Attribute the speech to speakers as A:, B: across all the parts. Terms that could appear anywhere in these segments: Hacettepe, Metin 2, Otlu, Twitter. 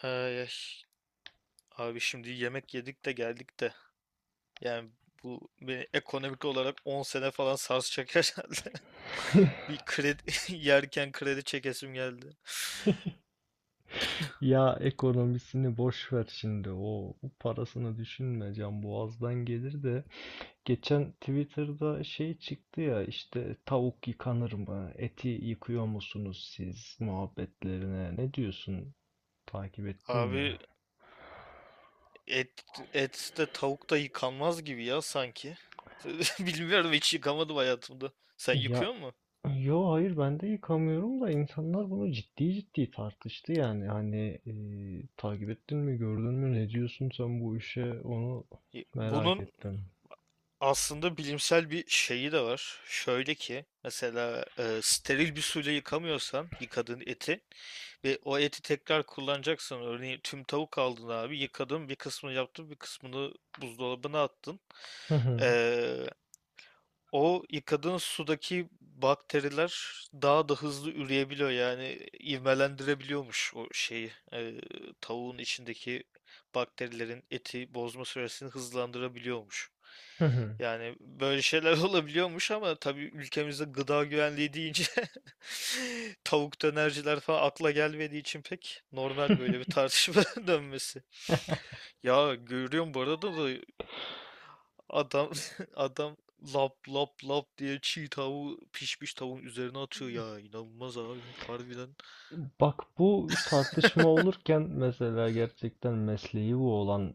A: Ay, ay. Abi şimdi yemek yedik de geldik de. Yani bu beni ekonomik olarak 10 sene falan sarsacak herhalde. Bir kredi yerken kredi çekesim geldi.
B: Ya ekonomisini boş ver şimdi. O parasını düşünme, can boğazdan gelir de. Geçen Twitter'da şey çıktı ya, işte tavuk yıkanır mı? Eti yıkıyor musunuz siz muhabbetlerine? Ne diyorsun? Takip ettin mi?
A: Abi et et de tavuk da yıkanmaz gibi ya sanki. Bilmiyorum, hiç yıkamadım hayatımda. Sen
B: Ya
A: yıkıyor mu?
B: yo hayır, ben de yıkamıyorum da insanlar bunu ciddi ciddi tartıştı yani. Hani takip ettin mi, gördün mü, ne diyorsun sen bu işe, onu
A: Y-
B: merak
A: Bunun
B: ettim.
A: Aslında bilimsel bir şeyi de var. Şöyle ki mesela steril bir suyla yıkamıyorsan, yıkadığın eti ve o eti tekrar kullanacaksan, örneğin tüm tavuk aldın abi, yıkadın, bir kısmını yaptın, bir kısmını buzdolabına attın.
B: Hı hı.
A: O yıkadığın sudaki bakteriler daha da hızlı üreyebiliyor, yani ivmelendirebiliyormuş o şeyi. Tavuğun içindeki bakterilerin eti bozma süresini hızlandırabiliyormuş.
B: Hı hı.
A: Yani böyle şeyler olabiliyormuş, ama tabii ülkemizde gıda güvenliği deyince tavuk dönerciler falan akla gelmediği için pek normal böyle bir tartışma dönmesi. Ya, görüyorum bu arada da. Adam adam lap lap lap diye çiğ tavuğu pişmiş tavuğun üzerine atıyor ya, inanılmaz abi, harbiden.
B: Bak, bu tartışma olurken mesela gerçekten mesleği bu olan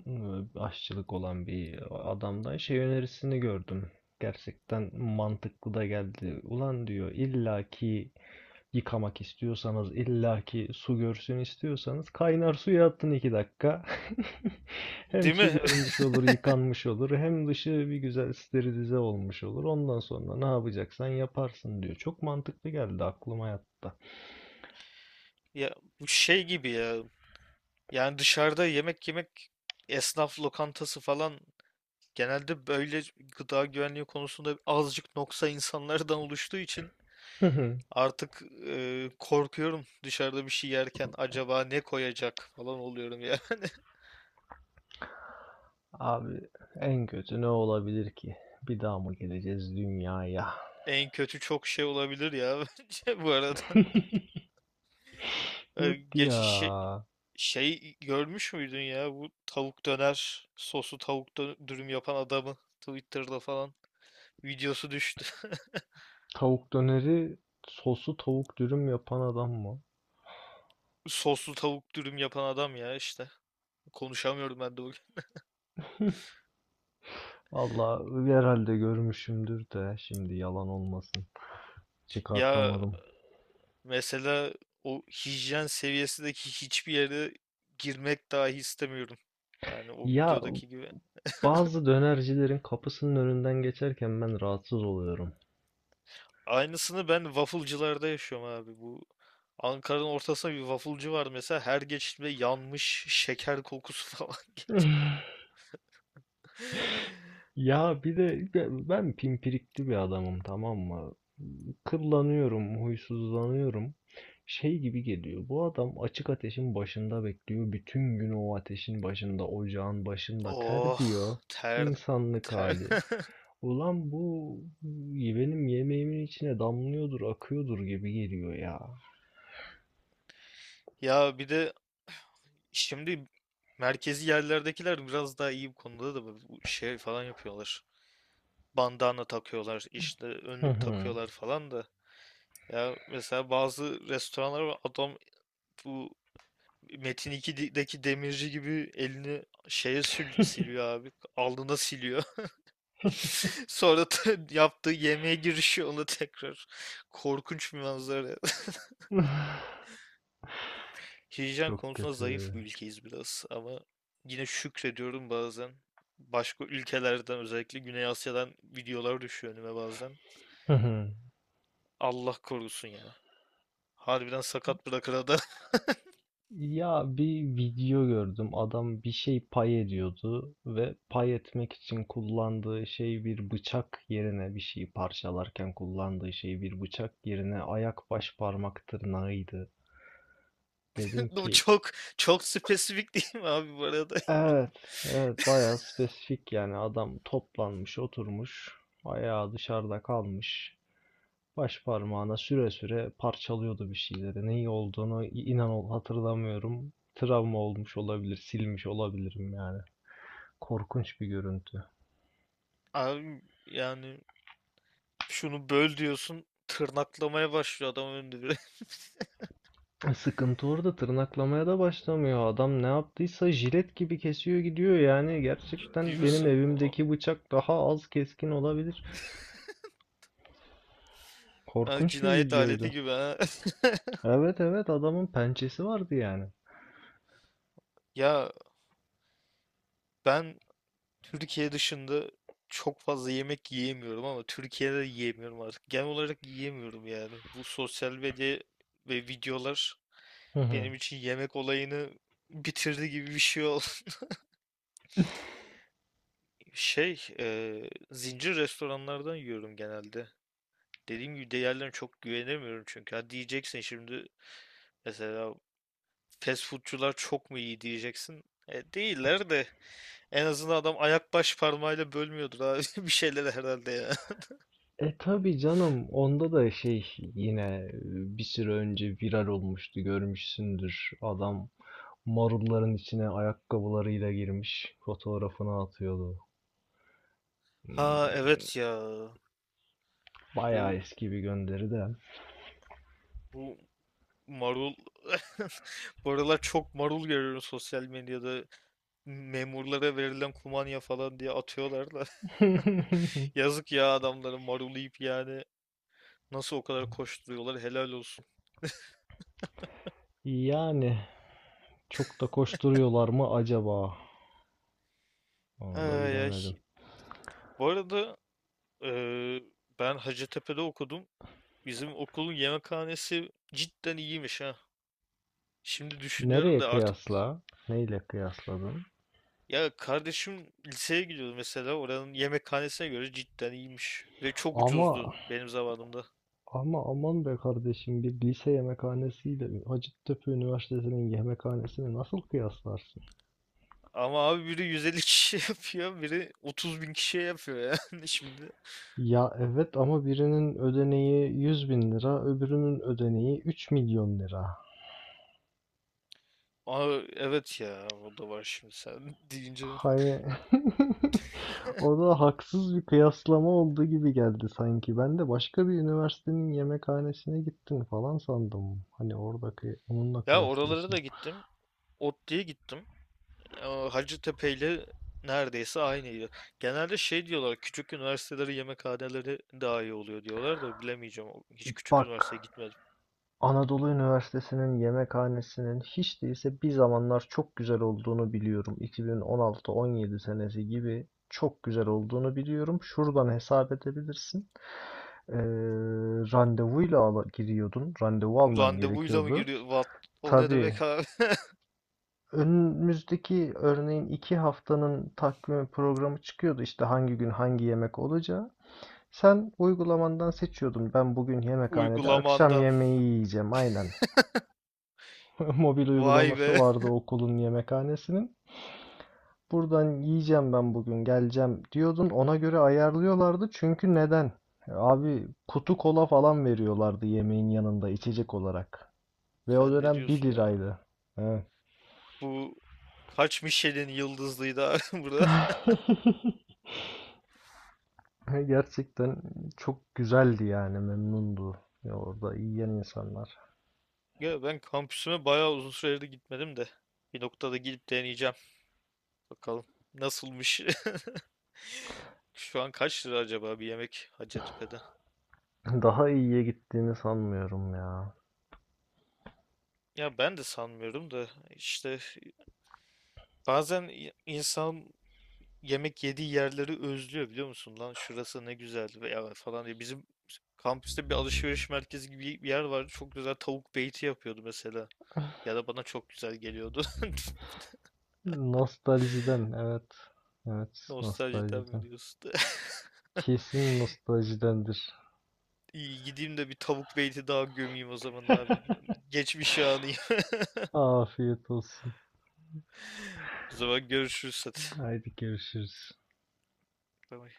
B: aşçılık olan bir adamdan şey önerisini gördüm. Gerçekten mantıklı da geldi. Ulan diyor, illaki yıkamak istiyorsanız, illaki su görsün istiyorsanız kaynar suya attın iki dakika. Hem
A: Değil
B: su
A: mi?
B: görmüş olur, yıkanmış olur, hem dışı bir güzel sterilize olmuş olur. Ondan sonra ne yapacaksan yaparsın diyor. Çok mantıklı geldi, aklıma yattı.
A: Ya, bu şey gibi ya. Yani dışarıda yemek yemek, esnaf lokantası falan, genelde böyle gıda güvenliği konusunda azıcık noksa insanlardan oluştuğu için artık korkuyorum dışarıda bir şey yerken, acaba ne koyacak falan oluyorum yani.
B: Abi en kötü ne olabilir ki? Bir daha mı geleceğiz dünyaya?
A: En kötü çok şey olabilir ya, bence bu arada. E,
B: Yok ya.
A: Geç şey, Şey görmüş müydün ya, bu tavuk döner soslu tavuk dürüm yapan adamı, Twitter'da falan videosu düştü.
B: Tavuk döneri sosu tavuk dürüm yapan adam mı?
A: Soslu tavuk dürüm yapan adam ya işte. Konuşamıyorum ben de bugün.
B: Valla herhalde görmüşümdür de şimdi yalan olmasın.
A: Ya
B: Çıkartamadım.
A: mesela o hijyen seviyesindeki hiçbir yere girmek dahi istemiyorum. Yani o
B: Ya
A: videodaki gibi.
B: bazı dönercilerin kapısının önünden geçerken ben rahatsız oluyorum.
A: Aynısını ben waffle'cılarda yaşıyorum abi. Ankara'nın ortasında bir waffle'cı var mesela. Her geçişimde yanmış şeker kokusu falan geliyor.
B: Ya bir de ben pimpirikli bir adamım, tamam mı? Kıllanıyorum, huysuzlanıyorum. Şey gibi geliyor. Bu adam açık ateşin başında bekliyor. Bütün gün o ateşin başında, ocağın başında
A: Oh,
B: terliyor.
A: ter
B: İnsanlık
A: ter.
B: hali. Ulan bu benim yemeğimin içine damlıyordur, akıyordur gibi geliyor ya.
A: Ya bir de şimdi merkezi yerlerdekiler biraz daha iyi bu konuda da, bu şey falan yapıyorlar. Bandana takıyorlar, işte önlük takıyorlar falan da. Ya mesela bazı restoranlar var, adam, bu Metin 2'deki demirci gibi elini şeye siliyor abi. Alnına siliyor. Sonra da yaptığı yemeğe girişiyor ona tekrar. Korkunç bir manzara. Hijyen
B: Çok
A: konusunda zayıf
B: kötü.
A: bir ülkeyiz biraz, ama yine şükrediyorum bazen. Başka ülkelerden, özellikle Güney Asya'dan videolar düşüyor önüme bazen. Allah korusun ya. Harbiden sakat bırakır adam.
B: Ya bir video gördüm. Adam bir şey pay ediyordu ve pay etmek için kullandığı şey, bir bıçak yerine, bir şeyi parçalarken kullandığı şey bir bıçak yerine ayak baş parmak tırnağıydı. Dedim
A: Bu
B: ki
A: çok spesifik değil mi abi, bu arada ya?
B: evet, evet bayağı spesifik yani, adam toplanmış oturmuş, ayağı dışarıda kalmış. Baş parmağına süre süre parçalıyordu bir şeyleri. Ne iyi olduğunu inan ol hatırlamıyorum. Travma olmuş olabilir, silmiş olabilirim yani. Korkunç bir görüntü.
A: Abi yani şunu böl diyorsun, tırnaklamaya başlıyor adam önünde bile.
B: Sıkıntı, orada tırnaklamaya da başlamıyor. Adam ne yaptıysa jilet gibi kesiyor gidiyor. Yani
A: Ciddi
B: gerçekten benim
A: misin? O-
B: evimdeki bıçak daha az keskin olabilir.
A: Yani
B: Korkunç bir
A: cinayet aleti
B: videoydu.
A: gibi, ha.
B: Evet, evet adamın pençesi vardı yani.
A: Ya ben Türkiye dışında çok fazla yemek yiyemiyorum, ama Türkiye'de de yiyemiyorum artık. Genel olarak yiyemiyorum yani. Bu sosyal medya ve videolar
B: Hı hı.
A: benim için yemek olayını bitirdi gibi bir şey oldu. Zincir restoranlardan yiyorum genelde. Dediğim gibi değerlerine çok güvenemiyorum çünkü. Ha, diyeceksin şimdi mesela, fast foodcular çok mu iyi diyeceksin. Değiller de en azından adam ayak baş parmağıyla bölmüyordur abi bir şeyler herhalde ya.
B: E tabii canım, onda da şey yine e, bir süre önce viral olmuştu, görmüşsündür. Adam marulların içine ayakkabılarıyla girmiş fotoğrafını atıyordu. Hmm,
A: Ha, evet ya.
B: bayağı
A: Bu
B: eski bir gönderi de.
A: bu marul, bu aralar çok marul görüyorum sosyal medyada. Memurlara verilen kumanya falan diye atıyorlar da. Yazık ya, adamların marul yiyip yani nasıl o kadar koşturuyorlar, helal olsun.
B: Yani çok da koşturuyorlar mı acaba? Onu da
A: Ay, ay.
B: bilemedim.
A: Bu arada eee, ben Hacettepe'de okudum. Bizim okulun yemekhanesi cidden iyiymiş ha. Şimdi düşünüyorum
B: Nereye
A: da artık.
B: kıyasla? Neyle kıyasladın?
A: Ya kardeşim liseye gidiyordu mesela, oranın yemekhanesine göre cidden iyiymiş. Ve çok
B: Ama
A: ucuzdu benim zamanımda.
B: ama aman be kardeşim, bir lise yemekhanesiyle Hacettepe Üniversitesi'nin yemekhanesini nasıl kıyaslarsın?
A: Ama abi, biri 150 kişiye yapıyor, biri 30 bin kişiye yapıyor yani şimdi.
B: Ya evet ama birinin ödeneği 100 bin lira, öbürünün ödeneği 3 milyon lira.
A: Aa, evet ya, o da var şimdi sen deyince.
B: Hani o da haksız bir kıyaslama olduğu gibi geldi sanki. Ben de başka bir üniversitenin yemekhanesine gittin falan sandım. Hani oradaki onunla
A: Ya, oralara
B: kıyaslıyorsun.
A: da gittim. Otlu'ya gittim. Aa, Hacettepe ile neredeyse aynıydı. Genelde şey diyorlar, küçük üniversiteleri yemekhaneleri daha iyi oluyor diyorlar da, bilemeyeceğim. Hiç küçük
B: Bak,
A: üniversiteye gitmedim.
B: Anadolu Üniversitesi'nin yemekhanesinin hiç değilse bir zamanlar çok güzel olduğunu biliyorum. 2016-17 senesi gibi çok güzel olduğunu biliyorum. Şuradan hesap edebilirsin. Ee, randevuyla ala- giriyordun. Randevu alman
A: Randevuyla mı
B: gerekiyordu.
A: giriyor? What? O ne demek
B: Tabii,
A: abi?
B: önümüzdeki örneğin iki haftanın takvimi, programı çıkıyordu işte hangi gün hangi yemek olacağı. Sen uygulamandan seçiyordun. Ben bugün yemekhanede akşam
A: Uygulamandan.
B: yemeği yiyeceğim aynen. Mobil
A: Vay
B: uygulaması
A: be.
B: vardı okulun yemekhanesinin. Buradan yiyeceğim ben, bugün geleceğim diyordun. Ona göre ayarlıyorlardı. Çünkü neden? Abi kutu kola falan veriyorlardı yemeğin yanında içecek olarak. Ve o
A: Sen ne
B: dönem bir
A: diyorsun ya?
B: liraydı. Evet.
A: Bu kaç Michelin yıldızlıydı abi burada?
B: Ha, gerçekten çok güzeldi yani, memnundu ya orada yiyen insanlar.
A: Ya ben kampüsüme bayağı uzun süredir gitmedim de. Bir noktada gidip deneyeceğim. Bakalım nasılmış. Şu an kaç lira acaba bir yemek Hacettepe'de?
B: Daha iyiye gittiğini sanmıyorum ya.
A: Ya ben de sanmıyorum da, işte bazen insan yemek yediği yerleri özlüyor, biliyor musun? Lan şurası ne güzel veya falan diye. Bizim kampüste bir alışveriş merkezi gibi bir yer vardı. Çok güzel tavuk beyti yapıyordu mesela. Ya da bana çok güzel geliyordu.
B: Nostaljiden evet. Evet,
A: Nostaljiden mi
B: nostaljiden.
A: diyorsun?
B: Kesin nostaljidendir.
A: İyi gideyim de bir tavuk beyti daha gömeyim o zaman abi. Geçmiş anıyım.
B: Afiyet olsun.
A: O zaman görüşürüz, hadi.
B: Haydi görüşürüz.
A: Bay bay.